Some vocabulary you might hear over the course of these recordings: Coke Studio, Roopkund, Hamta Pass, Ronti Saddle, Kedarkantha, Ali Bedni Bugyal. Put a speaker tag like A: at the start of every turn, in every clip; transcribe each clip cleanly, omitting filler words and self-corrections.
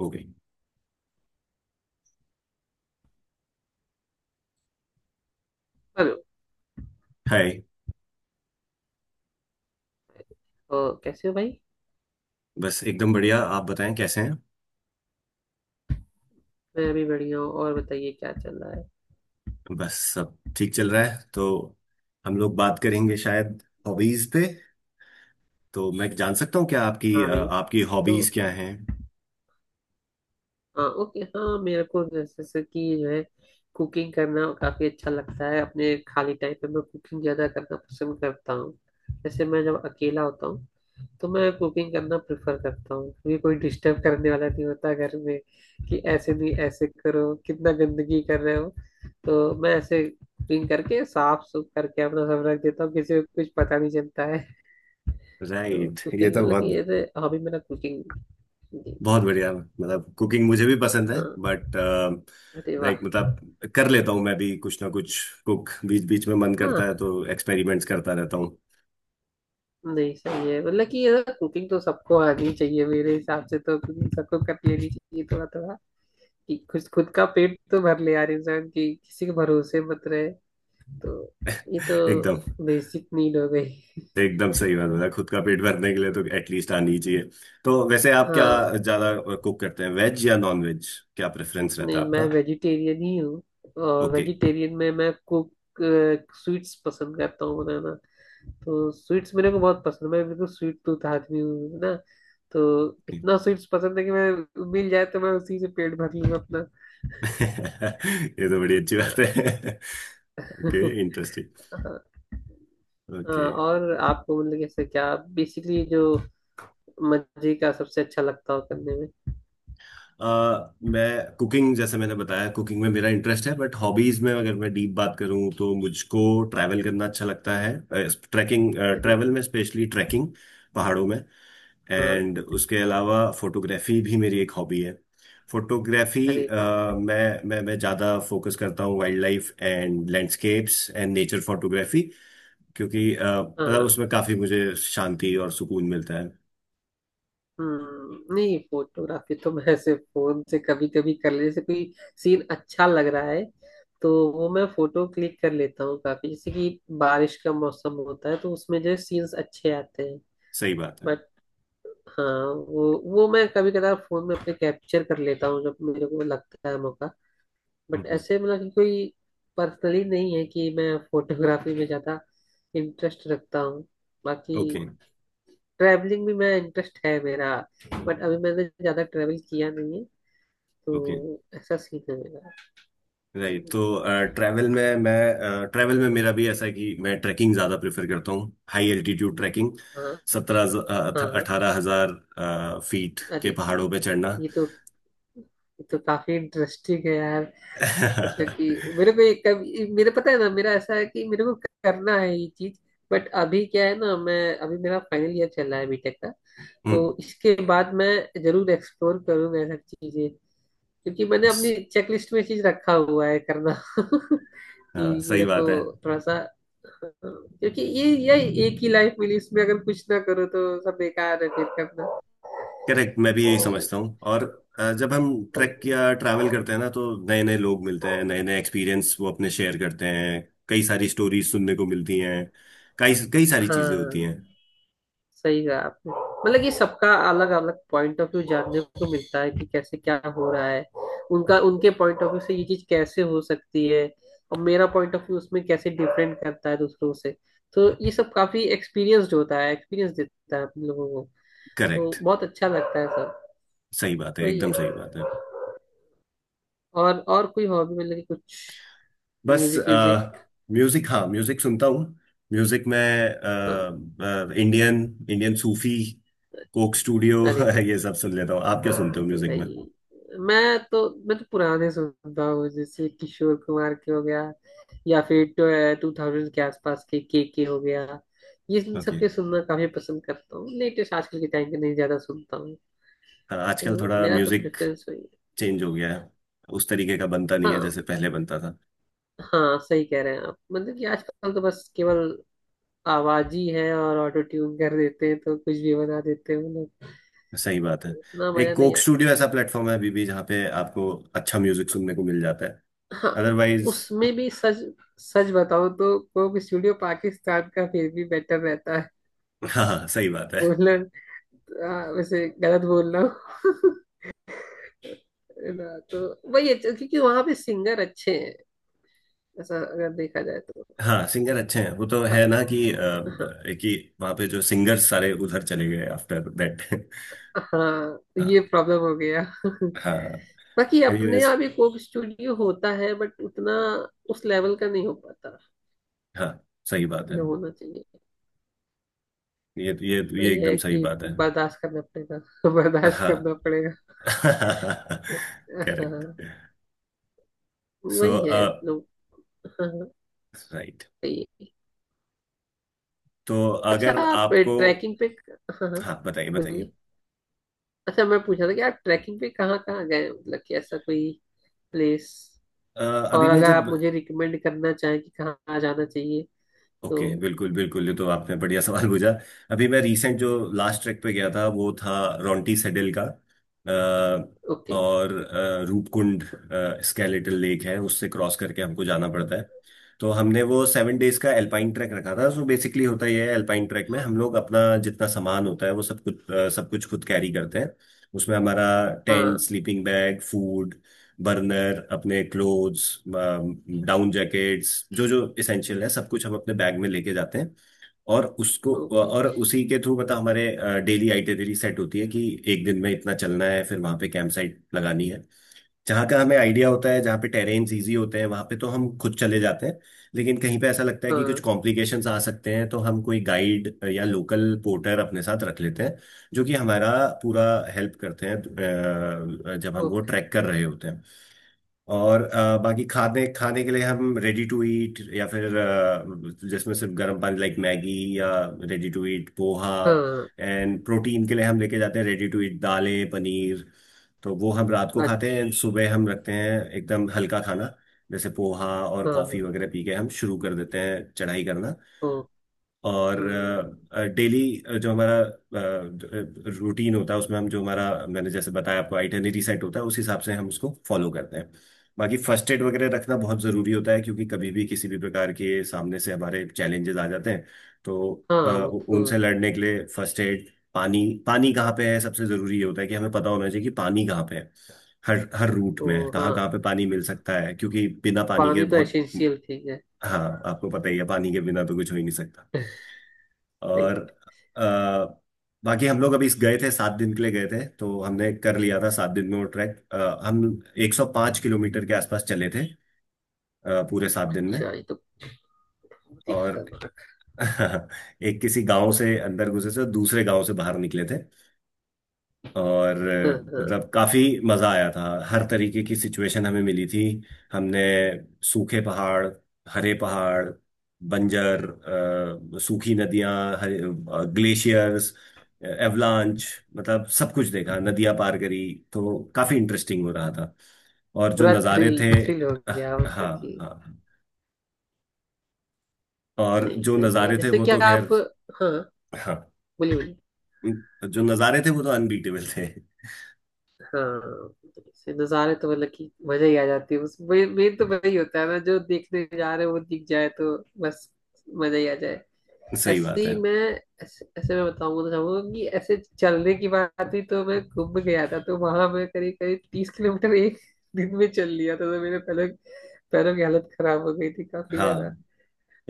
A: हो गई।
B: Hello.
A: Hi.
B: तो कैसे हो भाई।
A: बस एकदम बढ़िया। आप बताएं कैसे हैं।
B: मैं अभी बढ़िया हूँ। और बताइए क्या चल रहा है।
A: बस सब ठीक चल रहा है तो हम लोग बात करेंगे शायद हॉबीज पे। तो मैं जान सकता हूँ क्या आपकी
B: हाँ
A: अ,
B: भाई,
A: आपकी
B: तो
A: हॉबीज क्या हैं।
B: हाँ, ओके। हाँ, मेरे को जैसे जैसे कि जो है कुकिंग करना काफ़ी अच्छा लगता है। अपने खाली टाइम पे मैं कुकिंग ज़्यादा करना पसंद करता हूँ। जैसे मैं जब अकेला होता हूँ तो मैं कुकिंग करना प्रेफर करता हूँ, क्योंकि कोई डिस्टर्ब करने वाला नहीं होता घर में कि ऐसे नहीं ऐसे करो, कितना गंदगी कर रहे हो। तो मैं ऐसे कुकिंग करके साफ सुफ करके अपना सब रख देता हूँ, किसी को कुछ पता नहीं चलता है। तो
A: राइट। ये
B: कुकिंग
A: तो
B: मतलब कि
A: बहुत
B: एज ए हॉबी मेरा कुकिंग।
A: बहुत बढ़िया। मतलब कुकिंग मुझे भी पसंद है
B: हाँ,
A: बट
B: अरे वाह।
A: लाइक मतलब कर लेता हूँ मैं भी कुछ ना कुछ कुक। बीच बीच में मन करता है
B: हाँ,
A: तो एक्सपेरिमेंट्स करता रहता हूँ।
B: नहीं सही है। मतलब कि ये कुकिंग तो सबको आनी चाहिए। मेरे हिसाब से तो cooking सबको कर लेनी चाहिए थोड़ा थोड़ा, कि खुद खुद का पेट तो भर ले यार इंसान। की किसी के भरोसे मत रहे। तो ये तो
A: एकदम।
B: बेसिक नीड हो गई।
A: एकदम सही बात बताया। खुद का पेट भरने के लिए तो एटलीस्ट आनी चाहिए। तो वैसे आप क्या
B: हाँ,
A: ज्यादा कुक करते हैं वेज या नॉन वेज। क्या प्रेफरेंस रहता है
B: नहीं मैं
A: आपका।
B: वेजिटेरियन ही हूँ। और
A: ओके।
B: वेजिटेरियन में मैं कुक स्वीट्स पसंद करता हूँ बनाना। तो स्वीट्स मेरे को बहुत पसंद है। मैं बिल्कुल स्वीट टूथ आदमी हूँ, है ना। तो
A: ओके।
B: इतना स्वीट्स पसंद है कि मैं मिल जाए तो मैं उसी से पेट भर लूंगा अपना।
A: ये तो बड़ी अच्छी
B: हाँ,
A: बात है। ओके। इंटरेस्टिंग।
B: हाँ,
A: ओके।
B: और आपको मतलब कैसे क्या बेसिकली जो मजे का सबसे अच्छा लगता हो करने में।
A: आ, मैं कुकिंग जैसे मैंने बताया कुकिंग में मेरा इंटरेस्ट है बट हॉबीज में अगर मैं डीप बात करूं तो मुझको ट्रैवल करना अच्छा लगता है। ट्रैकिंग।
B: अरे
A: ट्रैवल में स्पेशली ट्रैकिंग पहाड़ों में।
B: वाह। हाँ,
A: एंड उसके अलावा फोटोग्राफी भी मेरी एक हॉबी है। फोटोग्राफी।
B: अरे वाह।
A: मैं ज़्यादा फोकस करता हूँ wildlife and landscapes and nature photography. क्योंकि मतलब
B: हाँ,
A: उसमें काफ़ी मुझे शांति और सुकून मिलता है।
B: हम्म, नहीं फोटोग्राफी तो मैं ऐसे फोन से कभी कभी कर ले जैसे कोई सीन अच्छा लग रहा है तो वो मैं फोटो क्लिक कर लेता हूँ काफी। जैसे कि बारिश का मौसम होता है तो उसमें जो सीन्स अच्छे आते हैं।
A: सही बात है।
B: बट हाँ, वो मैं कभी कदार फोन में अपने कैप्चर कर लेता हूँ जब मेरे को लगता है मौका। बट ऐसे मतलब कि कोई पर्सनली नहीं है कि मैं फोटोग्राफी में ज्यादा इंटरेस्ट रखता हूँ। बाकी
A: ओके।
B: ट्रैवलिंग भी मैं इंटरेस्ट है मेरा, बट अभी मैंने ज्यादा ट्रैवल किया नहीं है। तो
A: ओके।
B: ऐसा सीन है मेरा।
A: राइट। तो ट्रैवल में मेरा भी ऐसा है कि मैं ट्रैकिंग ज़्यादा प्रेफर करता हूँ। High altitude trekking.
B: हाँ
A: सत्रह
B: हाँ।
A: अठारह हजार फीट के
B: अरे,
A: पहाड़ों पे चढ़ना।
B: ये तो ये तो काफी इंटरेस्टिंग है यार। मतलब कि मेरे को ये कभी, मेरे पता है ना, मेरा ऐसा है कि मेरे को करना है ये चीज। बट अभी क्या है ना, मैं अभी मेरा फाइनल ईयर चल रहा है बीटेक का। तो
A: हम्म,
B: इसके बाद मैं जरूर एक्सप्लोर करूंगा ये सब चीजें, क्योंकि मैंने
A: हाँ
B: अपनी चेकलिस्ट में चीज रखा हुआ है करना। कि
A: सही
B: मेरे को
A: बात है।
B: थोड़ा सा, क्योंकि ये एक ही लाइफ मिली। इसमें अगर कुछ ना करो तो सब बेकार है फिर करना।
A: करेक्ट। मैं भी यही
B: जी,
A: समझता हूँ। और जब हम ट्रैक या ट्रैवल करते हैं ना तो नए नए लोग मिलते हैं, नए नए एक्सपीरियंस वो अपने शेयर करते हैं। कई सारी स्टोरीज सुनने को मिलती हैं। कई कई सारी चीजें होती
B: हाँ
A: हैं।
B: सही कहा आपने। मतलब कि सबका अलग अलग पॉइंट ऑफ व्यू जानने को मिलता है कि कैसे क्या हो रहा है। उनका, उनके पॉइंट ऑफ व्यू से ये चीज कैसे हो सकती है, और मेरा पॉइंट ऑफ व्यू उसमें कैसे डिफरेंट करता है दूसरों से। तो ये सब काफी एक्सपीरियंस्ड होता है, एक्सपीरियंस देता है हम लोगों को।
A: करेक्ट।
B: तो बहुत अच्छा लगता है सब।
A: सही बात है।
B: वही है।
A: एकदम सही बात है।
B: और कोई हॉबी मतलब कि कुछ
A: बस
B: म्यूजिक म्यूजिक।
A: म्यूजिक। हाँ म्यूजिक सुनता हूँ। म्यूजिक में
B: हाँ,
A: Indian, Indian Sufi, Coke Studio.
B: अरे वाह।
A: ये सब सुन लेता हूँ। आप क्या सुनते हो
B: अरे
A: म्यूजिक में।
B: भाई, मैं तो पुराने सुनता हूँ। जैसे किशोर कुमार के हो गया, या फिर 2000 के आसपास के के हो गया। ये इन सब
A: ओके।
B: के सुनना काफी पसंद करता हूँ, लेटेस्ट आजकल के टाइम के नहीं ज्यादा सुनता हूँ।
A: हाँ, आजकल
B: तो
A: थोड़ा
B: मेरा तो
A: म्यूजिक
B: प्रेफरेंस वही है।
A: चेंज हो गया है। उस तरीके का बनता नहीं है
B: हाँ,
A: जैसे पहले बनता था।
B: हाँ सही कह रहे हैं आप। मतलब कि आजकल तो बस केवल आवाज ही है, और ऑटो ट्यून कर देते हैं तो कुछ भी बना देते हैं वो लोग।
A: सही बात है।
B: इतना
A: एक
B: मजा
A: कोक
B: नहीं।
A: स्टूडियो ऐसा प्लेटफॉर्म है अभी भी जहाँ पे आपको अच्छा म्यूजिक सुनने को मिल जाता है।
B: हाँ,
A: अदरवाइज।
B: उसमें भी सच। सच बताऊं तो कोक स्टूडियो पाकिस्तान का फिर भी बेटर रहता है
A: हाँ, हाँ, सही बात है।
B: बोलना। वैसे गलत बोल रहा हूँ। है ना, तो वही है। तो क्योंकि वहां पे सिंगर अच्छे हैं, ऐसा अगर देखा जाए तो।
A: हाँ सिंगर अच्छे हैं वो तो
B: पर-,
A: है ना। कि अ,
B: हाँ
A: कि वहाँ पे जो सिंगर सारे उधर चले गए आफ्टर दैट।
B: हाँ,
A: हाँ।
B: ये प्रॉब्लम हो गया।
A: हाँ।
B: बाकी अपने
A: एनीवेज।
B: यहाँ भी कोक स्टूडियो होता है बट उतना उस लेवल का नहीं हो पाता
A: हाँ सही बात है।
B: जो होना चाहिए।
A: ये
B: वही
A: एकदम
B: है
A: सही
B: कि
A: बात है।
B: बर्दाश्त करना पड़ेगा। बर्दाश्त
A: हाँ।
B: करना पड़ेगा।
A: करेक्ट।
B: हाँ,
A: सो।
B: वही है लोग। हाँ हाँ,
A: राइट।
B: सही है।
A: तो
B: अच्छा,
A: अगर
B: आप
A: आपको।
B: ट्रैकिंग पे। हाँ हाँ,
A: हाँ बताइए बताइए।
B: बोलिए। अच्छा, मैं पूछ रहा था कि आप ट्रैकिंग पे कहाँ कहाँ गए हैं? मतलब कि ऐसा कोई प्लेस,
A: अ, अभी
B: और
A: मैं
B: अगर
A: जब।
B: आप मुझे रिकमेंड करना चाहें कि कहाँ जाना चाहिए
A: ओके,
B: तो।
A: बिल्कुल बिल्कुल। ये तो आपने बढ़िया सवाल पूछा। अभी मैं रिसेंट जो लास्ट ट्रैक पे गया था वो था रोंटी सेडल का।
B: ओके।
A: और रूपकुंड स्केलेटल लेक है उससे क्रॉस करके हमको जाना पड़ता है। तो हमने वो
B: अच्छा।
A: 7 डेज का एल्पाइन ट्रैक रखा था। सो बेसिकली होता ये है एल्पाइन ट्रैक में हम लोग अपना जितना सामान होता है वो सब कुछ खुद कैरी करते हैं। उसमें हमारा टेंट,
B: हाँ।
A: स्लीपिंग बैग, फूड, बर्नर, अपने क्लोथ्स, डाउन जैकेट्स, जो जो इसेंशियल है सब कुछ हम अपने बैग में लेके जाते हैं। और उसको
B: ओके।
A: और उसी के थ्रू पता हमारे डेली आइटनरी सेट होती है कि एक दिन में इतना चलना है फिर वहां पे कैंप साइट लगानी है। जहाँ का हमें आइडिया होता है जहाँ पे टेरेन्स इजी होते हैं वहां पे तो हम खुद चले जाते हैं। लेकिन कहीं पे ऐसा लगता है कि कुछ
B: हाँ।
A: कॉम्प्लिकेशंस आ सकते हैं तो हम कोई गाइड या लोकल पोर्टर अपने साथ रख लेते हैं जो कि हमारा पूरा हेल्प करते हैं जब हम वो
B: ओके।
A: ट्रैक कर रहे होते हैं। और बाकी खाने खाने के लिए हम रेडी टू ईट या फिर जिसमें सिर्फ गर्म पानी, लाइक मैगी या रेडी टू ईट पोहा।
B: हाँ।
A: एंड प्रोटीन के लिए हम लेके जाते हैं रेडी टू ईट दालें, पनीर। तो वो हम रात को खाते हैं and
B: अच्छा।
A: सुबह हम रखते हैं एकदम हल्का खाना जैसे पोहा और
B: हाँ
A: कॉफी
B: हाँ।
A: वगैरह पी के हम शुरू कर देते हैं चढ़ाई करना।
B: ओ।
A: और
B: हम्म,
A: डेली जो हमारा रूटीन होता है उसमें हम जो हमारा मैंने जैसे बताया आपको आइटनरी सेट होता है उस हिसाब से हम उसको फॉलो करते हैं। बाकी फर्स्ट एड वगैरह रखना बहुत ज़रूरी होता है क्योंकि कभी भी किसी भी प्रकार के सामने से हमारे चैलेंजेस आ जाते हैं। तो
B: हाँ वो तो
A: उनसे
B: है।
A: लड़ने के लिए फर्स्ट एड, पानी। पानी कहाँ पे है सबसे ज़रूरी ये होता है कि हमें पता होना चाहिए कि पानी कहाँ पे है। हर हर रूट
B: तो
A: में कहाँ
B: हाँ,
A: कहाँ पे पानी मिल सकता है क्योंकि बिना पानी के
B: पानी तो
A: बहुत।
B: एसेंशियल चीज है।
A: हाँ आपको पता ही है पानी के बिना तो कुछ हो ही नहीं सकता। और
B: सही।
A: अ, बाकी हम लोग अभी इस गए थे 7 दिन के लिए, गए थे तो हमने कर लिया था 7 दिन में वो ट्रैक। हम 105 किलोमीटर के आसपास चले थे पूरे 7 दिन में।
B: अच्छा, ये तो बहुत ही
A: और
B: खतरनाक।
A: एक किसी गांव से अंदर घुसे थे दूसरे गांव से बाहर निकले थे। और
B: हाँ हाँ,
A: मतलब काफी मजा आया था। हर तरीके की सिचुएशन हमें मिली थी। हमने सूखे पहाड़, हरे पहाड़, बंजर, सूखी नदियां, हरे ग्लेशियर्स, एवलांच, मतलब सब कुछ देखा। नदियां पार करी। तो काफी इंटरेस्टिंग हो रहा था। और जो
B: पूरा
A: नज़ारे
B: थ्रिल
A: थे।
B: थ्रिल हो
A: हाँ
B: गया मतलब
A: हाँ
B: कि।
A: हाँ। और
B: नहीं
A: जो
B: सही है।
A: नज़ारे थे
B: जैसे
A: वो
B: क्या
A: तो खैर।
B: आप? हाँ,
A: हाँ
B: बोलिए बोलिए।
A: जो नज़ारे थे वो तो अनबीटेबल थे।
B: हाँ, जैसे नज़ारे तो मतलब कि मजा ही आ जाती है उसमें। मेन तो वही होता है ना, जो देखने जा रहे हैं वो दिख जाए तो बस मजा ही आ जाए।
A: सही
B: ऐसे
A: बात है।
B: ही मैं, ऐसे मैं बताऊंगा तो चाहूंगा कि ऐसे चलने की बात हुई तो मैं घूम गया था। तो वहां मैं करीब करीब 30 किलोमीटर एक दिन में चल लिया था। तो मेरे पैरों पैरों की हालत खराब हो गई थी काफी ज्यादा।
A: हाँ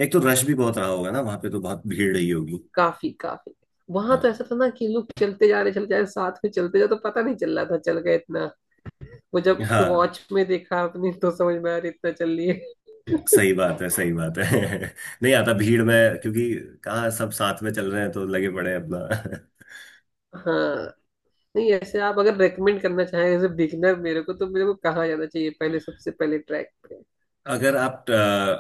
A: एक तो रश भी बहुत रहा होगा ना वहां पे, तो बहुत भीड़ रही होगी।
B: काफी काफी। वहां तो
A: हाँ
B: ऐसा था ना कि लोग चलते जा रहे साथ में चलते जा, तो पता नहीं चल रहा था चल गए इतना। वो जब
A: हाँ
B: वॉच में देखा अपनी तो समझ में आ रही इतना चल रही है।
A: सही बात है, सही बात है। नहीं आता भीड़ में क्योंकि कहाँ सब साथ में चल रहे हैं तो लगे पड़े हैं अपना।
B: हाँ, नहीं ऐसे आप अगर रेकमेंड करना चाहें एज ए बिगिनर मेरे को, तो मेरे को कहाँ जाना चाहिए पहले, सबसे पहले ट्रैक पे।
A: अगर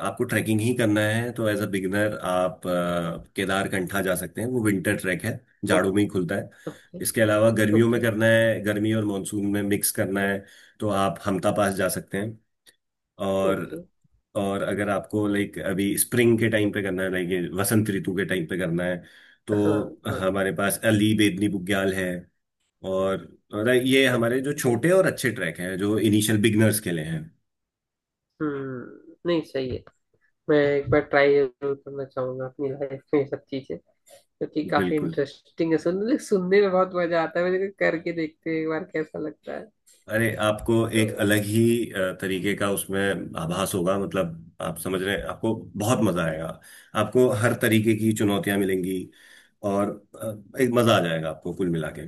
A: आपको ट्रैकिंग ही करना है तो एज अ बिगिनर आप केदारकंठा जा सकते हैं। वो विंटर ट्रैक है।
B: ओके।
A: जाड़ों में ही खुलता है। इसके अलावा गर्मियों में
B: ओके।
A: करना है, गर्मी और मानसून में मिक्स करना है, तो आप हमता पास जा सकते हैं। और
B: ओके।
A: और अगर आपको लाइक अभी स्प्रिंग के टाइम पे करना है, लाइक ये वसंत ऋतु के टाइम पे करना है,
B: हाँ
A: तो
B: हाँ।
A: हमारे पास अली बेदनी बुग्याल है। और और ये
B: अच्छा।
A: हमारे जो
B: ओके।
A: छोटे और अच्छे ट्रैक हैं जो इनिशियल बिगनर्स के लिए हैं।
B: हम्म, नहीं सही है। मैं एक बार ट्राई जरूर करना चाहूंगा अपनी लाइफ में ये सब चीजें, क्योंकि काफी
A: बिल्कुल।
B: इंटरेस्टिंग है। सुनने सुनने में बहुत मजा आता है, मुझे करके देखते हैं एक बार कैसा लगता है।
A: अरे आपको एक
B: तो
A: अलग ही तरीके का उसमें आभास होगा। मतलब आप समझ रहे हैं। आपको बहुत मजा आएगा। आपको हर तरीके की चुनौतियां मिलेंगी। और एक मजा आ जाएगा आपको कुल मिला के।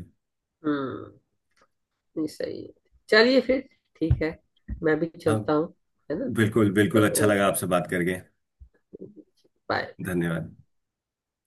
B: हम्म, नहीं सही है। चलिए फिर, ठीक है, मैं भी
A: हाँ
B: चलता हूँ, है ना।
A: बिल्कुल
B: हाँ,
A: बिल्कुल, अच्छा लगा
B: ओके।
A: आपसे बात करके।
B: बाय।
A: धन्यवाद।